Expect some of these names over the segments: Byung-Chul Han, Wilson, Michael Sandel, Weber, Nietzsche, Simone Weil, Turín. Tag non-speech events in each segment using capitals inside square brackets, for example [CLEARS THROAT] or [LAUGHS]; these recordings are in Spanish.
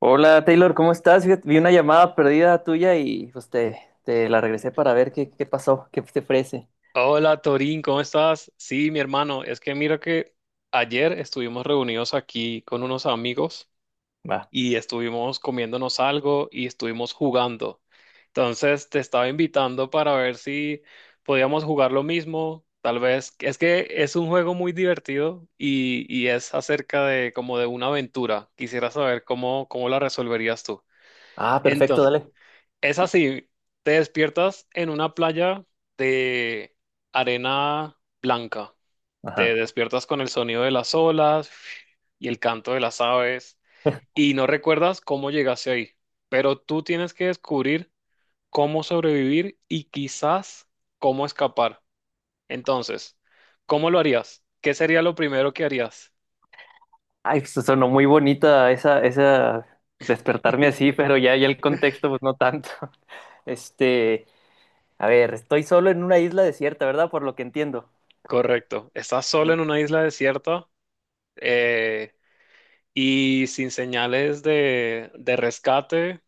Hola Taylor, ¿cómo estás? Fíjate, vi una llamada perdida tuya y te la regresé para ver qué pasó, qué te ofrece. Hola Torín, ¿cómo estás? Sí, mi hermano, es que mira que ayer estuvimos reunidos aquí con unos amigos Va. y estuvimos comiéndonos algo y estuvimos jugando. Entonces te estaba invitando para ver si podíamos jugar lo mismo. Tal vez, es que es un juego muy divertido y es acerca de como de una aventura. Quisiera saber cómo la resolverías tú. Ah, perfecto, dale. Es así, te despiertas en una playa de arena blanca, te Ajá. despiertas con el sonido de las olas y el canto de las aves [LAUGHS] y no recuerdas cómo llegaste ahí, pero tú tienes que descubrir cómo sobrevivir y quizás cómo escapar. Entonces, ¿cómo lo harías? ¿Qué sería lo primero que harías? Ay, pues sonó muy bonita esa despertarme así, [LAUGHS] pero ya el contexto, pues no tanto. [LAUGHS] Este, a ver, estoy solo en una isla desierta, ¿verdad? Por lo que entiendo. Correcto, estás solo en una isla desierta. eh, y sin señales de rescate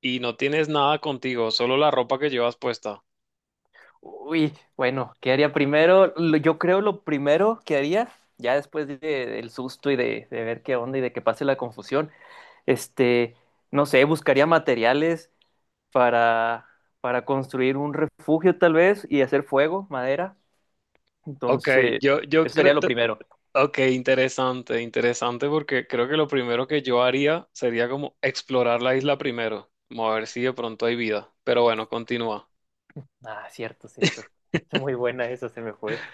y no tienes nada contigo, solo la ropa que llevas puesta. Uy, bueno, ¿qué haría primero? Yo creo lo primero que haría, ya del susto y de ver qué onda y de que pase la confusión, Este, no sé, buscaría materiales para, para construir un refugio tal vez y hacer fuego, madera. Ok, Entonces, yo eso sería creo, lo te- primero. ok, interesante, interesante porque creo que lo primero que yo haría sería como explorar la isla primero, como a ver si de pronto hay vida. Pero bueno, continúa. Ah, cierto, cierto. [LAUGHS] Es [LAUGHS] muy buena esa, se me fue.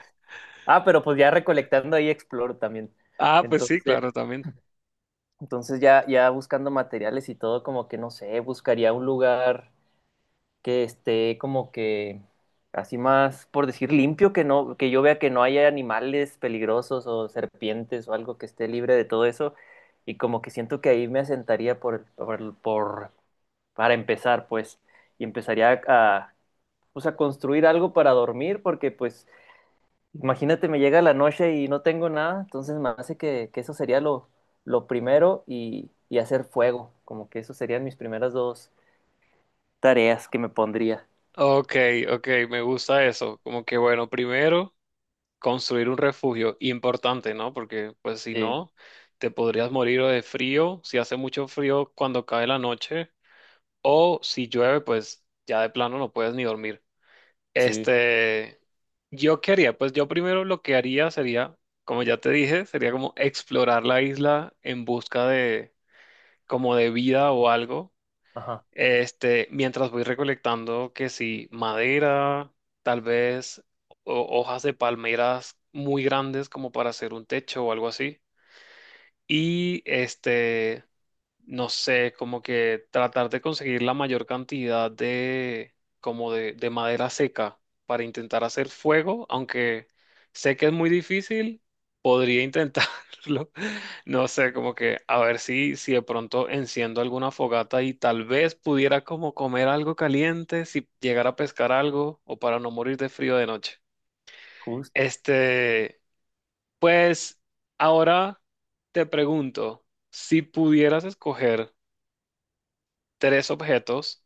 Ah, pero pues ya recolectando ahí exploro también. Ah, pues sí, Entonces, claro, también. Ya buscando materiales y todo, como que no sé, buscaría un lugar que esté como que así más, por decir, limpio, que no, que yo vea que no haya animales peligrosos o serpientes o algo que esté libre de todo eso. Y como que siento que ahí me asentaría para empezar, pues, y pues, a construir algo para dormir, porque pues, imagínate, me llega la noche y no tengo nada, entonces me hace que eso sería lo primero y hacer fuego, como que eso serían mis primeras dos tareas que me pondría. Ok, ok, me gusta eso. Como que bueno, primero construir un refugio importante, ¿no? Porque pues si Sí, no, te podrías morir o de frío, si hace mucho frío cuando cae la noche, o si llueve, pues ya de plano no puedes ni dormir. sí. Este, yo qué haría, pues yo primero lo que haría sería, como ya te dije, sería como explorar la isla en busca de como de vida o algo. Ajá, Mientras voy recolectando que sí, madera, tal vez hojas de palmeras muy grandes como para hacer un techo o algo así. Y no sé, como que tratar de conseguir la mayor cantidad como de madera seca para intentar hacer fuego, aunque sé que es muy difícil, podría intentarlo. [LAUGHS] No sé, como que a ver si, si de pronto enciendo alguna fogata y tal vez pudiera como comer algo caliente, si llegara a pescar algo o para no morir de frío de noche. justo, Este, pues ahora te pregunto, si pudieras escoger tres objetos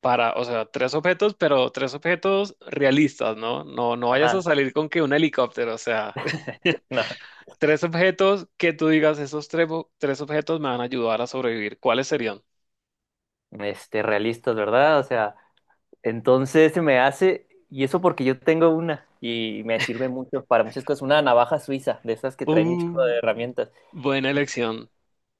para, o sea, tres objetos, pero tres objetos realistas, ¿no? No, no vayas a ajá. salir con que un helicóptero, o sea, [LAUGHS] [LAUGHS] No, tres objetos que tú digas, esos tres, tres objetos me van a ayudar a sobrevivir. ¿Cuáles serían? Realistas, ¿verdad? O sea, entonces se me hace, y eso porque yo tengo una, y me sirve mucho para muchas cosas, una navaja suiza, de esas que traen un chorro Uh, de herramientas. buena Y elección.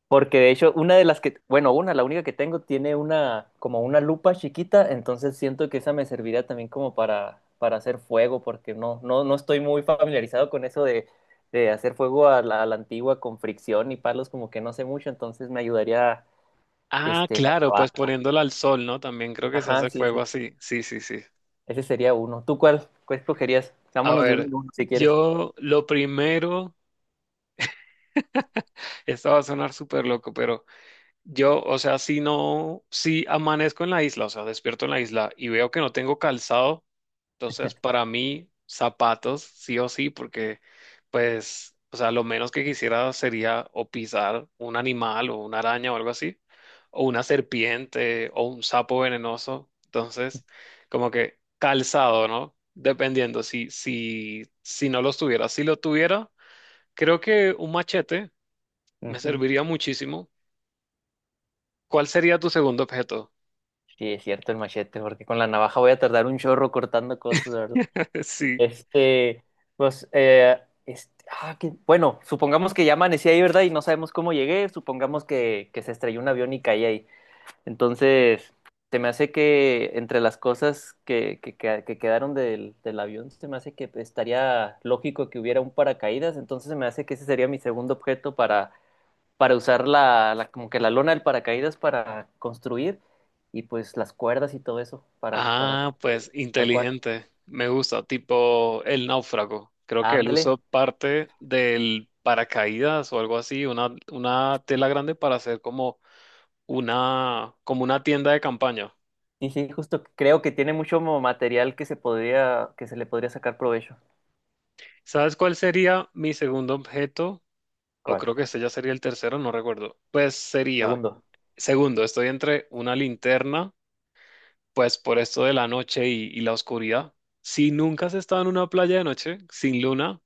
porque de hecho, una de las que, bueno, una, la única que tengo tiene una, como una lupa chiquita, entonces siento que esa me serviría también como para hacer fuego, porque no estoy muy familiarizado con eso de hacer fuego a a la antigua con fricción y palos, como que no sé mucho, entonces me ayudaría. Ah, La claro, pues navaja. poniéndola al sol, ¿no? También creo que se Ajá, hace sí, fuego sí. así. Sí, sí, sí. Ese sería uno. ¿Tú cuál escogerías? A Vámonos de uno ver, en uno si quieres. yo lo primero, esto va a sonar súper loco, pero yo, o sea, si no, si amanezco en la isla, o sea, despierto en la isla y veo que no tengo calzado, entonces para mí zapatos sí o sí, porque pues, o sea, lo menos que quisiera sería o pisar un animal o una araña o algo así, o una serpiente o un sapo venenoso, entonces como que calzado, ¿no? Dependiendo si no los tuviera, si lo tuviera, creo que un machete me Ujú. serviría muchísimo. ¿Cuál sería tu segundo objeto? Sí, es cierto el machete, porque con la navaja voy a tardar un chorro cortando cosas, ¿verdad? [LAUGHS] Sí. Este, pues, eh, bueno, supongamos que ya amanecí ahí, ¿verdad? Y no sabemos cómo llegué, supongamos que- que se estrelló un avión y caí ahí. Entonces, se me hace que entre las cosas que quedaron del avión, se me hace que estaría lógico que hubiera un paracaídas. Entonces, se me hace que ese sería mi segundo objeto para usar como que la lona del paracaídas para construir y pues las cuerdas y todo eso para Ah, construir, pues tal cual. inteligente. Me gusta, tipo el náufrago. Creo que él Ándale. usó parte del paracaídas o algo así, una tela grande para hacer como una tienda de campaña. Y sí, justo creo que tiene mucho material que se podría, que se le podría sacar provecho. ¿Sabes cuál sería mi segundo objeto? O ¿Cuál? creo que este ya sería el tercero, no recuerdo. Pues sería, Segundo. segundo, estoy entre una linterna pues por esto de la noche y la oscuridad. Si nunca has estado en una playa de noche sin luna,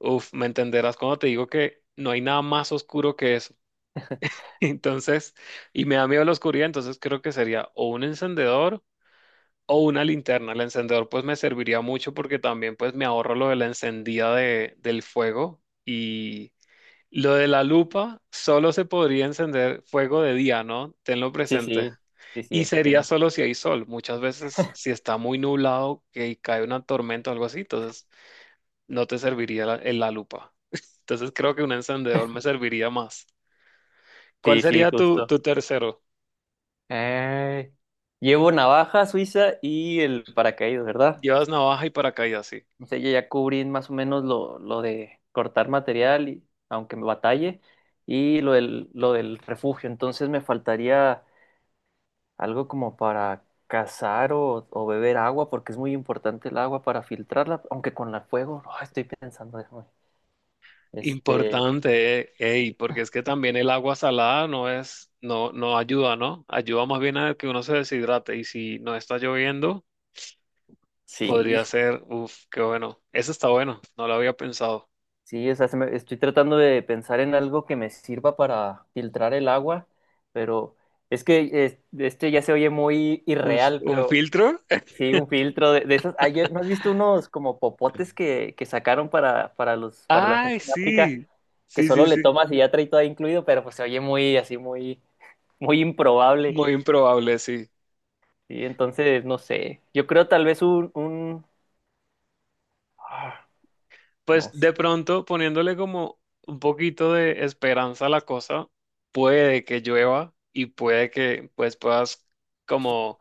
uff, me entenderás cuando te digo que no hay nada más oscuro que eso. [LAUGHS] Entonces, y me da miedo la oscuridad, entonces creo que sería o un encendedor o una linterna. El encendedor pues me serviría mucho porque también pues me ahorro lo de la encendida del fuego y lo de la lupa solo se podría encender fuego de día, ¿no? Tenlo Sí, presente. sí, sí, Y sería tiene. solo si hay sol. Muchas veces, si está muy nublado, que cae una tormenta o algo así, entonces no te serviría en la lupa. [LAUGHS] Entonces creo que un encendedor me serviría más. ¿Cuál Sí, sí, sería justo. tu tercero? Eh, llevo navaja suiza y el paracaídas, ¿verdad? Llevas navaja y paracaídas, sí. O sea, yo ya cubrí más o menos lo de cortar material, y, aunque me batalle, y lo del refugio. Entonces me faltaría algo como para cazar o beber agua, porque es muy importante el agua para filtrarla, aunque con la fuego, no, estoy pensando, déjame. Este, Importante, ey, porque es que también el agua salada no es, no, no ayuda, ¿no? Ayuda más bien a que uno se deshidrate. Y si no está lloviendo, sí. podría ser, uff, qué bueno. Eso está bueno, no lo había pensado. Sí, o sea, estoy tratando de pensar en algo que me sirva para filtrar el agua, pero es que ya se oye muy irreal, Un pero filtro? sí, un filtro de esos. Ah, ¿no has visto unos como popotes que sacaron para la Ay, gente en África sí, que sí, solo sí, le sí, tomas y ya trae todo incluido, pero pues se oye muy así, muy, muy improbable. muy improbable, sí. Y entonces, no sé, yo creo tal vez ah, no Pues de sé. pronto, poniéndole como un poquito de esperanza a la cosa, puede que llueva y puede que pues puedas como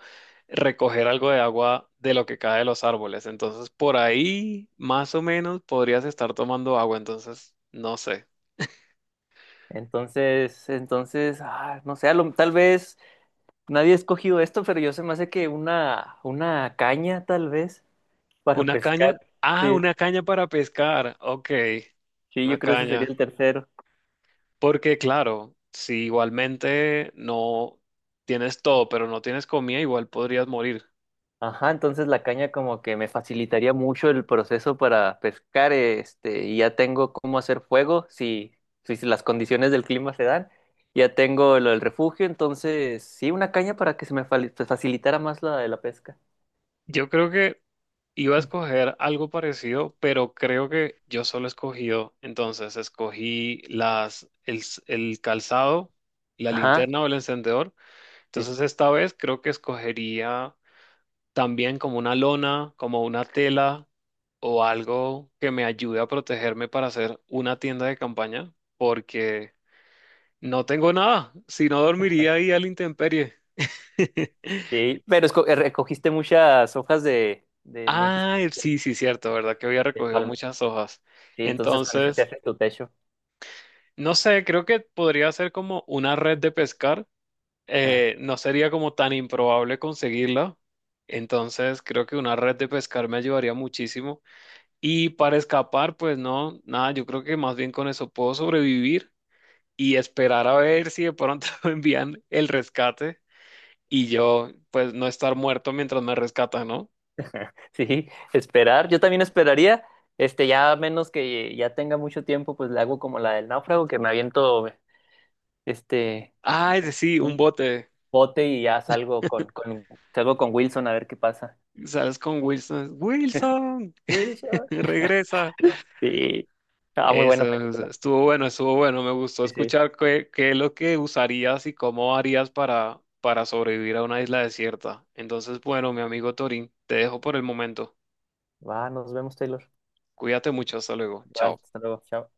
recoger algo de agua de lo que cae de los árboles. Entonces, por ahí, más o menos, podrías estar tomando agua. Entonces, no sé. No sé, tal vez. Nadie ha escogido esto, pero yo se me hace que una caña, tal vez, para ¿Una pescar. caña? Ah, Sí, una caña para pescar. Ok, sí, una yo creo que ese sería caña. el tercero. Porque claro, si igualmente no tienes todo, pero no tienes comida, igual podrías morir. Ajá, entonces la caña como que me facilitaría mucho el proceso para pescar, este, y ya tengo cómo hacer fuego si las condiciones del clima se dan. Ya tengo lo del refugio, entonces sí, una caña para que pues, facilitara más la de la pesca. Yo creo que iba a [CLEARS THROAT] escoger algo parecido, pero creo que yo solo he escogido, entonces escogí las, el, s- el calzado, la Ajá, linterna o el encendedor. sí, Entonces esta vez creo que escogería también como una lona, como una tela o algo que me ayude a protegerme para hacer una tienda de campaña, porque no tengo nada, si no dormiría ahí a la intemperie. [LAUGHS] sí, pero recogiste muchas hojas me dijiste, Ah, sí, sí, cierto, ¿verdad? Que había de recogido palma. muchas hojas. Sí, entonces con eso te Entonces, haces tu techo. no sé, creo que podría ser como una red de pescar. Ah, No sería como tan improbable conseguirla. Entonces, creo que una red de pescar me ayudaría muchísimo. Y para escapar, pues no, nada, yo creo que más bien con eso puedo sobrevivir y esperar a ver si de pronto [LAUGHS] me envían el rescate. Y yo, pues, no estar muerto mientras me rescatan, ¿no? [LAUGHS] sí, esperar. Yo también esperaría, este, ya a menos que ya tenga mucho tiempo, pues le hago como la del náufrago, que me aviento, este, Ah, es sí, un un bote. bote y ya salgo con Wilson a ver qué pasa. Sales con Wilson. Wilson, Wilson. [LAUGHS] regresa. [LAUGHS] Sí. Ah, muy buena Eso, película. estuvo bueno, estuvo bueno. Me gustó Sí, sí. escuchar qué es lo que usarías y cómo harías para sobrevivir a una isla desierta. Entonces, bueno, mi amigo Torín, te dejo por el momento. Va, nos vemos, Taylor. Cuídate mucho, hasta luego. Igual, Chao. hasta luego. Chao.